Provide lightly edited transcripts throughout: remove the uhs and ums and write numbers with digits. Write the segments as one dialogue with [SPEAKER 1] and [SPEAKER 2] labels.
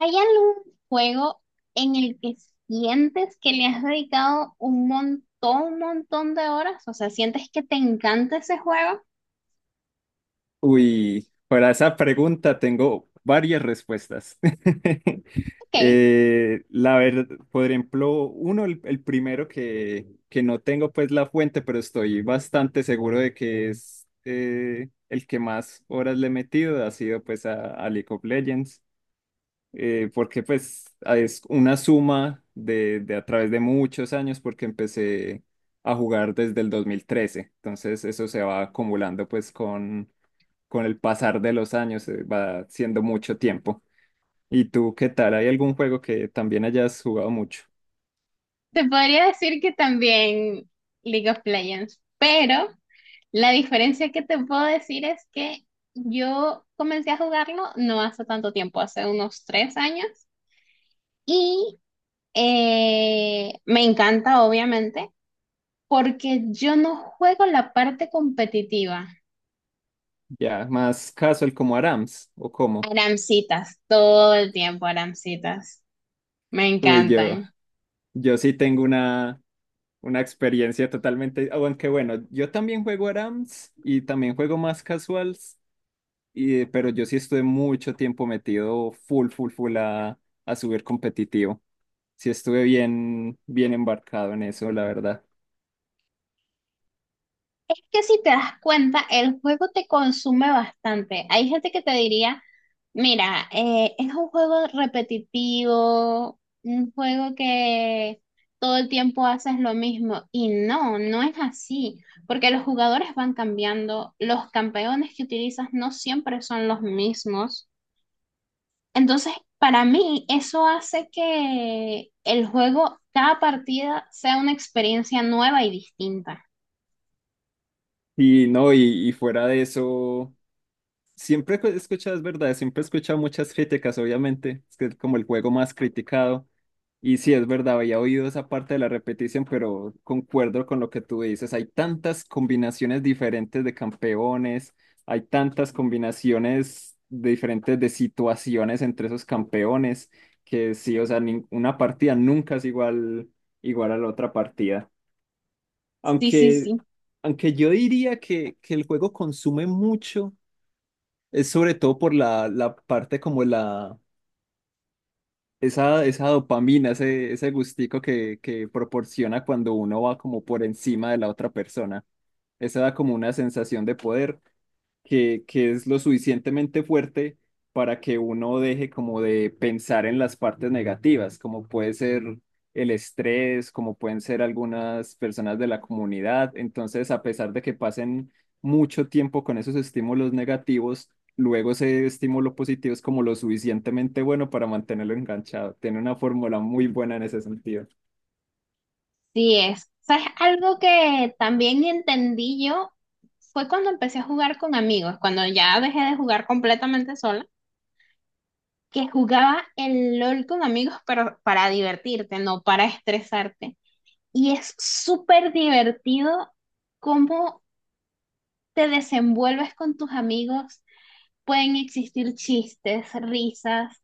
[SPEAKER 1] ¿Hay algún juego en el que sientes que le has dedicado un montón de horas? O sea, ¿sientes que te encanta ese juego?
[SPEAKER 2] Uy, para esa pregunta tengo varias respuestas.
[SPEAKER 1] Ok,
[SPEAKER 2] La verdad, por ejemplo, uno, el primero que no tengo pues la fuente, pero estoy bastante seguro de que es el que más horas le he metido, ha sido pues a League of Legends, porque pues es una suma de a través de muchos años, porque empecé a jugar desde el 2013. Entonces eso se va acumulando pues con el pasar de los años, va siendo mucho tiempo. ¿Y tú qué tal? ¿Hay algún juego que también hayas jugado mucho?
[SPEAKER 1] te podría decir que también League of Legends, pero la diferencia que te puedo decir es que yo comencé a jugarlo no hace tanto tiempo, hace unos tres años, y me encanta, obviamente, porque yo no juego la parte competitiva.
[SPEAKER 2] Ya, más casual como Arams o como.
[SPEAKER 1] Aramcitas, todo el tiempo aramcitas. Me
[SPEAKER 2] Uy, yo,
[SPEAKER 1] encantan.
[SPEAKER 2] yo sí tengo una experiencia totalmente, aunque bueno, yo también juego Arams y también juego más casuals, pero yo sí estuve mucho tiempo metido full, full, full a subir competitivo. Sí estuve bien, bien embarcado en eso, la verdad.
[SPEAKER 1] Es que si te das cuenta, el juego te consume bastante. Hay gente que te diría, mira, es un juego repetitivo, un juego que todo el tiempo haces lo mismo. Y no, no es así, porque los jugadores van cambiando, los campeones que utilizas no siempre son los mismos. Entonces, para mí, eso hace que el juego, cada partida, sea una experiencia nueva y distinta.
[SPEAKER 2] Y no, y fuera de eso. Siempre he escuchado, es verdad, siempre he escuchado muchas críticas, obviamente, es que es como el juego más criticado, y sí, es verdad, había oído esa parte de la repetición, pero concuerdo con lo que tú dices, hay tantas combinaciones diferentes de campeones, hay tantas combinaciones de diferentes de situaciones entre esos campeones, que sí, o sea, una partida nunca es igual, igual a la otra partida,
[SPEAKER 1] Sí, sí,
[SPEAKER 2] aunque,
[SPEAKER 1] sí.
[SPEAKER 2] aunque yo diría que el juego consume mucho es sobre todo por la parte como esa dopamina, ese gustico que proporciona cuando uno va como por encima de la otra persona. Esa da como una sensación de poder que es lo suficientemente fuerte para que uno deje como de pensar en las partes negativas, como puede ser el estrés, como pueden ser algunas personas de la comunidad. Entonces, a pesar de que pasen mucho tiempo con esos estímulos negativos, luego ese estímulo positivo es como lo suficientemente bueno para mantenerlo enganchado. Tiene una fórmula muy buena en ese sentido.
[SPEAKER 1] Sí es. ¿Sabes? Algo que también entendí yo fue cuando empecé a jugar con amigos, cuando ya dejé de jugar completamente sola, que jugaba el LOL con amigos, pero para divertirte, no para estresarte. Y es súper divertido cómo te desenvuelves con tus amigos, pueden existir chistes, risas.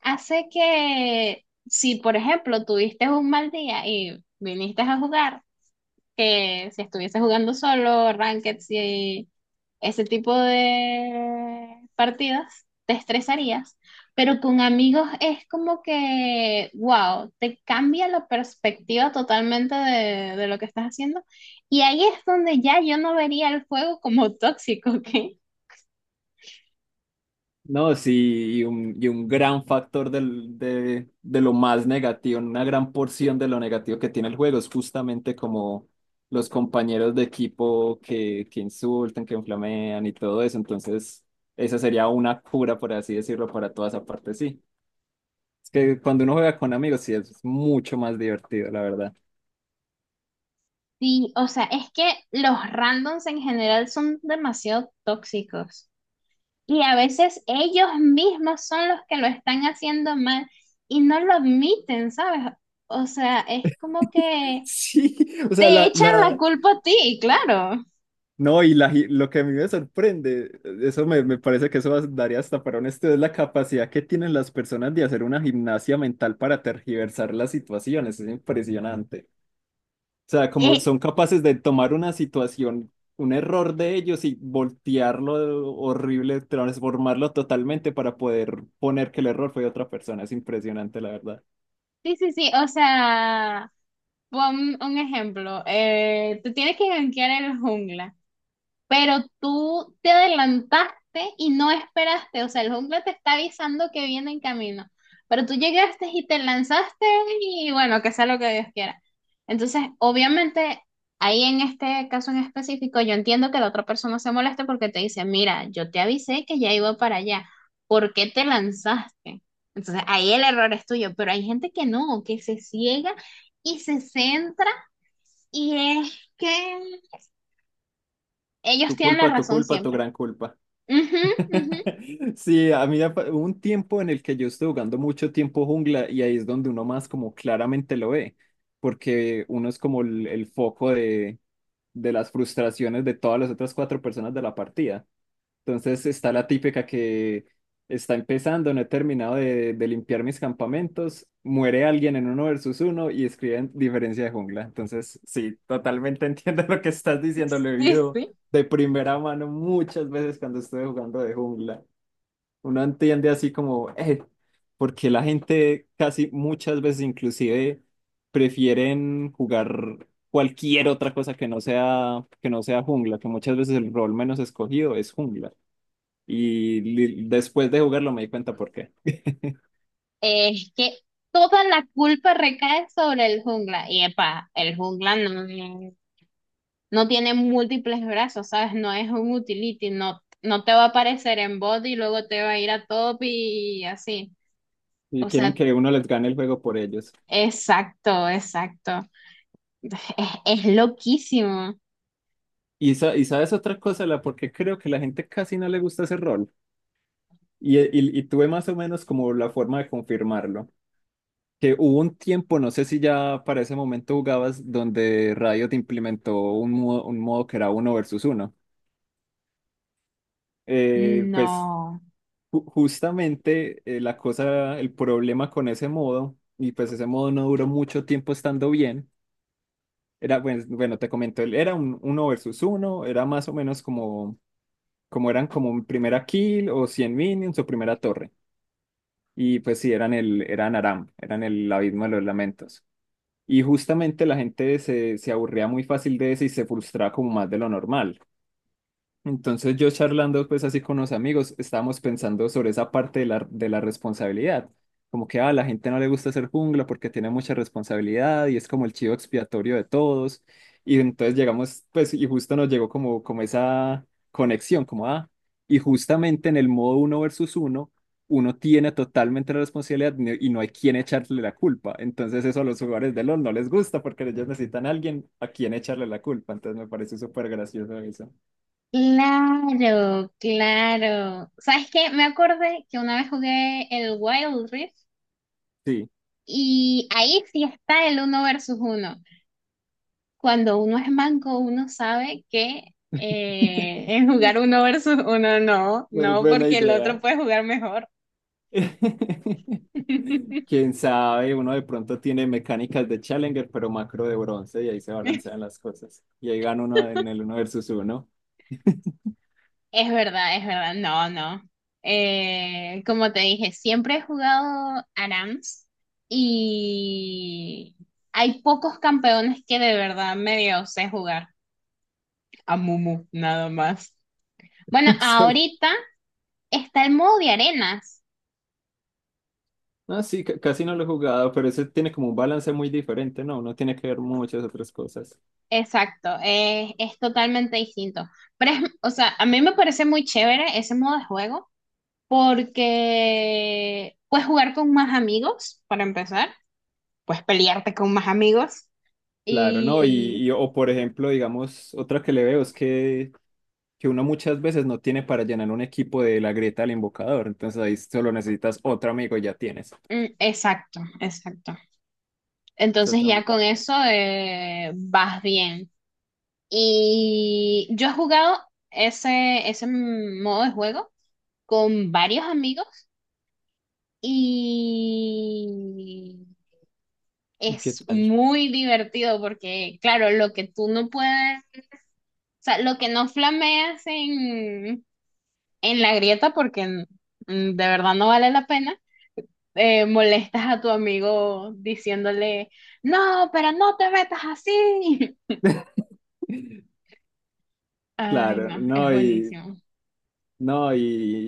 [SPEAKER 1] Hace que si, por ejemplo, tuviste un mal día y viniste a jugar, que si estuvieses jugando solo, ranked y ese tipo de partidas, te estresarías. Pero con amigos es como que, wow, te cambia la perspectiva totalmente de lo que estás haciendo. Y ahí es donde ya yo no vería el juego como tóxico, ¿ok?
[SPEAKER 2] No, sí, y un gran factor de lo más negativo, una gran porción de lo negativo que tiene el juego es justamente como los compañeros de equipo que insultan, que inflamean y todo eso. Entonces, esa sería una cura, por así decirlo, para toda esa parte, sí. Es que cuando uno juega con amigos, sí, es mucho más divertido, la verdad.
[SPEAKER 1] Sí, o sea, es que los randoms en general son demasiado tóxicos y a veces ellos mismos son los que lo están haciendo mal y no lo admiten, ¿sabes? O sea, es como que
[SPEAKER 2] Sí, o sea,
[SPEAKER 1] te echan la culpa a ti, claro.
[SPEAKER 2] no, y lo que a mí me sorprende, eso me parece que daría hasta para un estudio, es la capacidad que tienen las personas de hacer una gimnasia mental para tergiversar las situaciones. Es impresionante. O sea, como
[SPEAKER 1] Eh,
[SPEAKER 2] son capaces de tomar una situación, un error de ellos y voltearlo horrible, transformarlo totalmente para poder poner que el error fue de otra persona. Es impresionante, la verdad.
[SPEAKER 1] sí, sí, sí, o sea, pon un ejemplo, tú tienes que gankear el jungla. Pero tú te adelantaste y no esperaste, o sea, el jungla te está avisando que viene en camino, pero tú llegaste y te lanzaste y bueno, que sea lo que Dios quiera. Entonces, obviamente, ahí en este caso en específico, yo entiendo que la otra persona se moleste porque te dice, mira, yo te avisé que ya iba para allá, ¿por qué te lanzaste? Entonces, ahí el error es tuyo, pero hay gente que no, que se ciega y se centra y es que ellos
[SPEAKER 2] Tu
[SPEAKER 1] tienen la
[SPEAKER 2] culpa, tu
[SPEAKER 1] razón
[SPEAKER 2] culpa, tu
[SPEAKER 1] siempre.
[SPEAKER 2] gran culpa.
[SPEAKER 1] Ujú, ujú.
[SPEAKER 2] Sí, a mí hubo un tiempo en el que yo estuve jugando mucho tiempo jungla y ahí es donde uno más como claramente lo ve, porque uno es como el foco de las frustraciones de todas las otras cuatro personas de la partida. Entonces está la típica que está empezando, no he terminado de limpiar mis campamentos, muere alguien en uno versus uno y escriben diferencia de jungla. Entonces sí, totalmente entiendo lo que estás diciendo, lo he
[SPEAKER 1] Sí,
[SPEAKER 2] vivido
[SPEAKER 1] sí.
[SPEAKER 2] de primera mano muchas veces cuando estuve jugando de jungla. Uno entiende así como, porque la gente casi muchas veces inclusive prefieren jugar cualquier otra cosa que no sea jungla, que muchas veces el rol menos escogido es jungla. Y después de jugarlo me di cuenta por qué.
[SPEAKER 1] Es que toda la culpa recae sobre el jungla. Y epa, el jungla no, no tiene múltiples brazos, ¿sabes? No es un utility, no, no te va a aparecer en bot y luego te va a ir a top y así.
[SPEAKER 2] Y
[SPEAKER 1] O
[SPEAKER 2] quieren
[SPEAKER 1] sea,
[SPEAKER 2] que uno les gane el juego por ellos.
[SPEAKER 1] exacto, exacto. Es loquísimo.
[SPEAKER 2] Y sabes otra cosa, la por qué creo que la gente casi no le gusta ese rol. Y tuve más o menos como la forma de confirmarlo. Que hubo un tiempo, no sé si ya para ese momento jugabas, donde Riot implementó un modo que era uno versus uno. Eh, pues
[SPEAKER 1] No.
[SPEAKER 2] ju- justamente eh, la cosa, el problema con ese modo, y pues ese modo no duró mucho tiempo estando bien, era, pues, bueno, te comento, él era un uno versus uno, era más o menos como, eran como un primera kill o 100 minions o primera torre. Y pues sí, eran Aram, eran el abismo de los lamentos. Y justamente la gente se aburría muy fácil de eso y se frustraba como más de lo normal. Entonces yo charlando pues así con unos amigos, estábamos pensando sobre esa parte de la responsabilidad, como que a la gente no le gusta ser jungla porque tiene mucha responsabilidad y es como el chivo expiatorio de todos. Y entonces llegamos pues y justo nos llegó como esa conexión, como ah, y justamente en el modo uno versus uno, uno tiene totalmente la responsabilidad y no hay quien echarle la culpa. Entonces eso a los jugadores de LoL no les gusta porque ellos necesitan a alguien a quien echarle la culpa. Entonces me parece súper gracioso eso.
[SPEAKER 1] Claro, claro. ¿Sabes qué? Me acordé que una vez jugué el Wild Rift,
[SPEAKER 2] Sí.
[SPEAKER 1] y ahí sí está el uno versus uno. Cuando uno es manco, uno sabe que en
[SPEAKER 2] No
[SPEAKER 1] jugar uno versus uno no,
[SPEAKER 2] es
[SPEAKER 1] no,
[SPEAKER 2] buena
[SPEAKER 1] porque el otro
[SPEAKER 2] idea.
[SPEAKER 1] puede jugar mejor.
[SPEAKER 2] Quién sabe, uno de pronto tiene mecánicas de Challenger, pero macro de bronce, y ahí se balancean las cosas. Y ahí gana uno en el uno versus uno.
[SPEAKER 1] Es verdad, no, no. Como te dije, siempre he jugado ARAMS y hay pocos campeones que de verdad medio sé jugar. A Mumu, nada más. Bueno,
[SPEAKER 2] Solo-
[SPEAKER 1] ahorita está el modo de arenas.
[SPEAKER 2] No, sí, casi no lo he jugado, pero ese tiene como un balance muy diferente, ¿no? Uno tiene que ver muchas otras cosas.
[SPEAKER 1] Exacto, es totalmente distinto. Pero es, o sea, a mí me parece muy chévere ese modo de juego porque puedes jugar con más amigos, para empezar, puedes pelearte con más amigos
[SPEAKER 2] Claro, ¿no? Y,
[SPEAKER 1] y...
[SPEAKER 2] y- o por ejemplo, digamos, otra que le veo es que uno muchas veces no tiene para llenar un equipo de la grieta del invocador, entonces ahí solo necesitas otro amigo y ya tienes.
[SPEAKER 1] Mm, exacto, exacto.
[SPEAKER 2] Eso
[SPEAKER 1] Entonces ya
[SPEAKER 2] también.
[SPEAKER 1] con eso vas bien. Y yo he jugado ese, ese modo de juego con varios amigos y... es muy divertido porque, claro, lo que tú no puedes, o sea, lo que no flameas en la grieta porque mm, de verdad no vale la pena, molestas a tu amigo diciéndole, no, pero no te metas así. Ay,
[SPEAKER 2] Claro,
[SPEAKER 1] no, es
[SPEAKER 2] no, y
[SPEAKER 1] buenísimo.
[SPEAKER 2] no, y,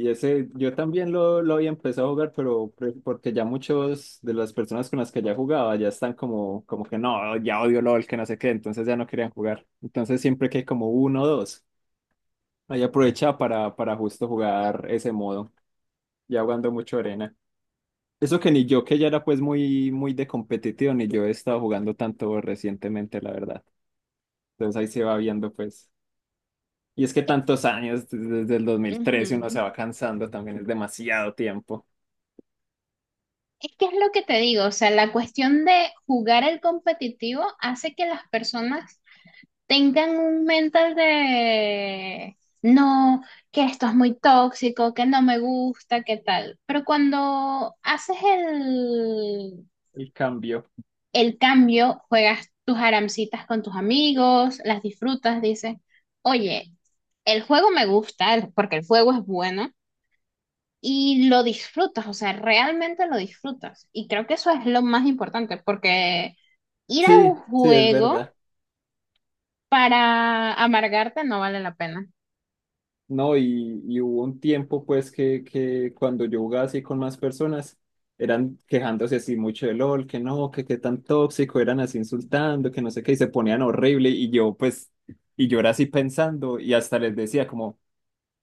[SPEAKER 2] y ese, yo también lo había empezado a jugar, pero porque ya muchos de las personas con las que ya jugaba ya están como que no, ya odio LOL, que no sé qué, entonces ya no querían jugar. Entonces siempre que hay como uno o dos, ahí aprovechaba para justo jugar ese modo, ya jugando mucho arena. Eso que ni yo, que ya era pues muy, muy de competitivo, ni yo he estado jugando tanto recientemente, la verdad. Entonces ahí se va viendo pues. Y es que tantos años, desde el 2013 uno
[SPEAKER 1] Ujú.
[SPEAKER 2] se va cansando, también es demasiado tiempo
[SPEAKER 1] Es que es lo que te digo, o sea, la cuestión de jugar el competitivo hace que las personas tengan un mental de no, que esto es muy tóxico, que no me gusta, que tal. Pero cuando haces
[SPEAKER 2] el cambio.
[SPEAKER 1] el cambio, juegas tus aramcitas con tus amigos, las disfrutas, dices, oye, el juego me gusta porque el juego es bueno. Y lo disfrutas, o sea, realmente lo disfrutas. Y creo que eso es lo más importante, porque ir a un
[SPEAKER 2] Sí, sí, es
[SPEAKER 1] juego
[SPEAKER 2] verdad.
[SPEAKER 1] para amargarte no vale la pena.
[SPEAKER 2] No, y hubo un tiempo pues que cuando yo jugaba así con más personas, eran quejándose así mucho de LOL, que no, que qué tan tóxico, eran así insultando, que no sé qué, y se ponían horrible, y yo pues, y yo era así pensando, y hasta les decía como,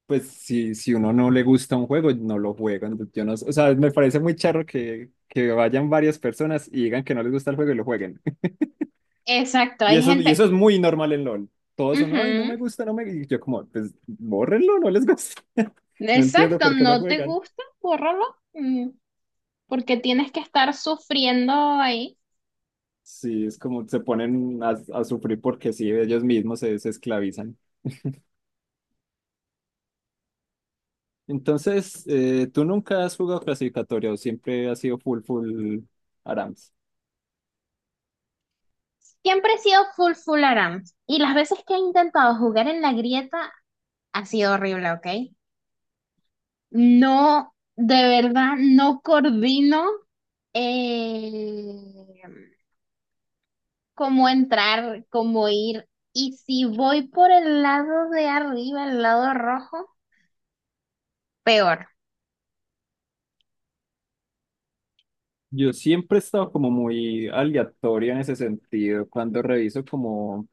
[SPEAKER 2] pues si uno no le gusta un juego, no lo juega. Entonces, yo no sé, o sea, me parece muy charro que vayan varias personas y digan que no les gusta el juego y lo jueguen.
[SPEAKER 1] Exacto,
[SPEAKER 2] Y
[SPEAKER 1] hay
[SPEAKER 2] eso, y
[SPEAKER 1] gente.
[SPEAKER 2] eso es muy normal en LOL. Todos son, ay, no
[SPEAKER 1] Ujú,
[SPEAKER 2] me gusta, no me... Y yo como, pues, bórrenlo, no les gusta. No entiendo
[SPEAKER 1] exacto,
[SPEAKER 2] por qué lo
[SPEAKER 1] no te
[SPEAKER 2] juegan.
[SPEAKER 1] gusta, bórralo. Mm, porque tienes que estar sufriendo ahí.
[SPEAKER 2] Sí, es como se ponen a sufrir porque sí, ellos mismos se esclavizan. Entonces, ¿tú nunca has jugado clasificatoria o siempre has sido full, full ARAMS?
[SPEAKER 1] Siempre he sido full full aram. Y las veces que he intentado jugar en la grieta ha sido horrible, ¿ok? No, de verdad, no coordino, eh, cómo entrar, cómo ir. Y si voy por el lado de arriba, el lado rojo, peor.
[SPEAKER 2] Yo siempre he estado como muy aleatorio en ese sentido. Cuando reviso como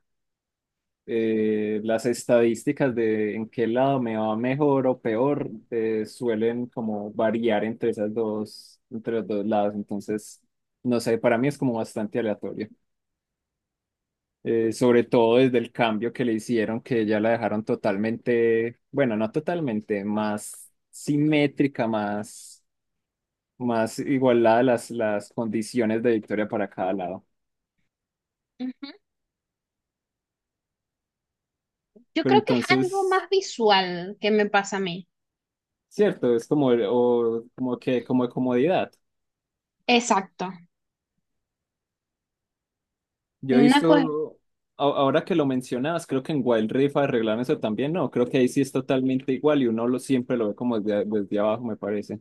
[SPEAKER 2] las estadísticas de en qué lado me va mejor o peor, suelen como variar entre esas dos, entre los dos lados. Entonces, no sé, para mí es como bastante aleatorio. Sobre todo desde el cambio que le hicieron, que ya la dejaron totalmente, bueno, no totalmente, más simétrica, más igualada las condiciones de victoria para cada lado.
[SPEAKER 1] Yo
[SPEAKER 2] Pero
[SPEAKER 1] creo que es algo
[SPEAKER 2] entonces,
[SPEAKER 1] más visual que me pasa a mí.
[SPEAKER 2] cierto, es como, o, como que, como de comodidad.
[SPEAKER 1] Exacto.
[SPEAKER 2] Yo he
[SPEAKER 1] Una cosa,
[SPEAKER 2] visto, ahora que lo mencionabas, creo que en Wild Rift arreglaron eso también, no, creo que ahí sí es totalmente igual y uno siempre lo ve como desde, abajo, me parece.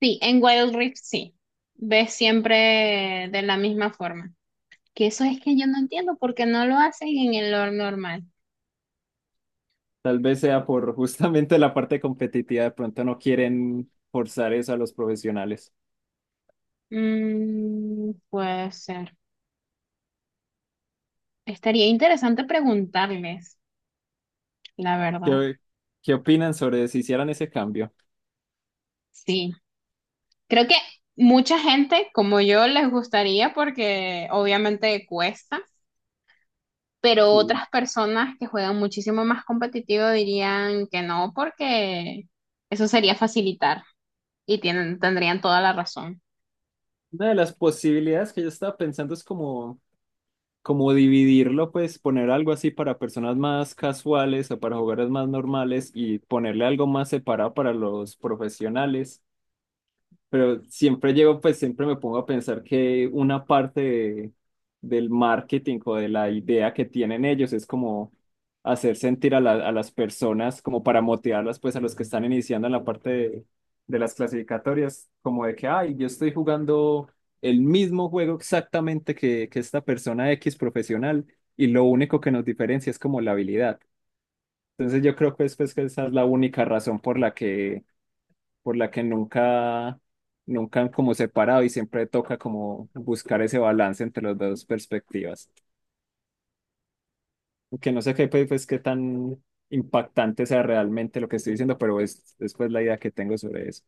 [SPEAKER 1] sí, en Wild Rift sí. Ves siempre de la misma forma. Que eso es que yo no entiendo por qué no lo hacen en el lore normal.
[SPEAKER 2] Tal vez sea por justamente la parte competitiva, de pronto no quieren forzar eso a los profesionales.
[SPEAKER 1] Mm, puede ser. Estaría interesante preguntarles, la verdad.
[SPEAKER 2] ¿Qué, qué opinan sobre si hicieran ese cambio?
[SPEAKER 1] Sí. Creo que mucha gente como yo les gustaría porque obviamente cuesta. Pero
[SPEAKER 2] Sí.
[SPEAKER 1] otras personas que juegan muchísimo más competitivo dirían que no, porque eso sería facilitar y tienen, tendrían toda la razón.
[SPEAKER 2] Una de las posibilidades que yo estaba pensando es como dividirlo, pues poner algo así para personas más casuales o para jugadores más normales y ponerle algo más separado para los profesionales. Pero siempre llego, pues siempre me pongo a pensar que una parte del marketing o de la idea que tienen ellos es como hacer sentir a las personas, como para motivarlas, pues a los que están iniciando en la parte de las clasificatorias, como de que, ay, yo estoy jugando el mismo juego exactamente que esta persona X profesional y lo único que nos diferencia es como la habilidad. Entonces yo creo que es, pues, que esa es la única razón por la que nunca han como separado y siempre toca como buscar ese balance entre las dos perspectivas. Que no sé qué, pues, qué tan impactante sea realmente lo que estoy diciendo, pero es pues la idea que tengo sobre eso.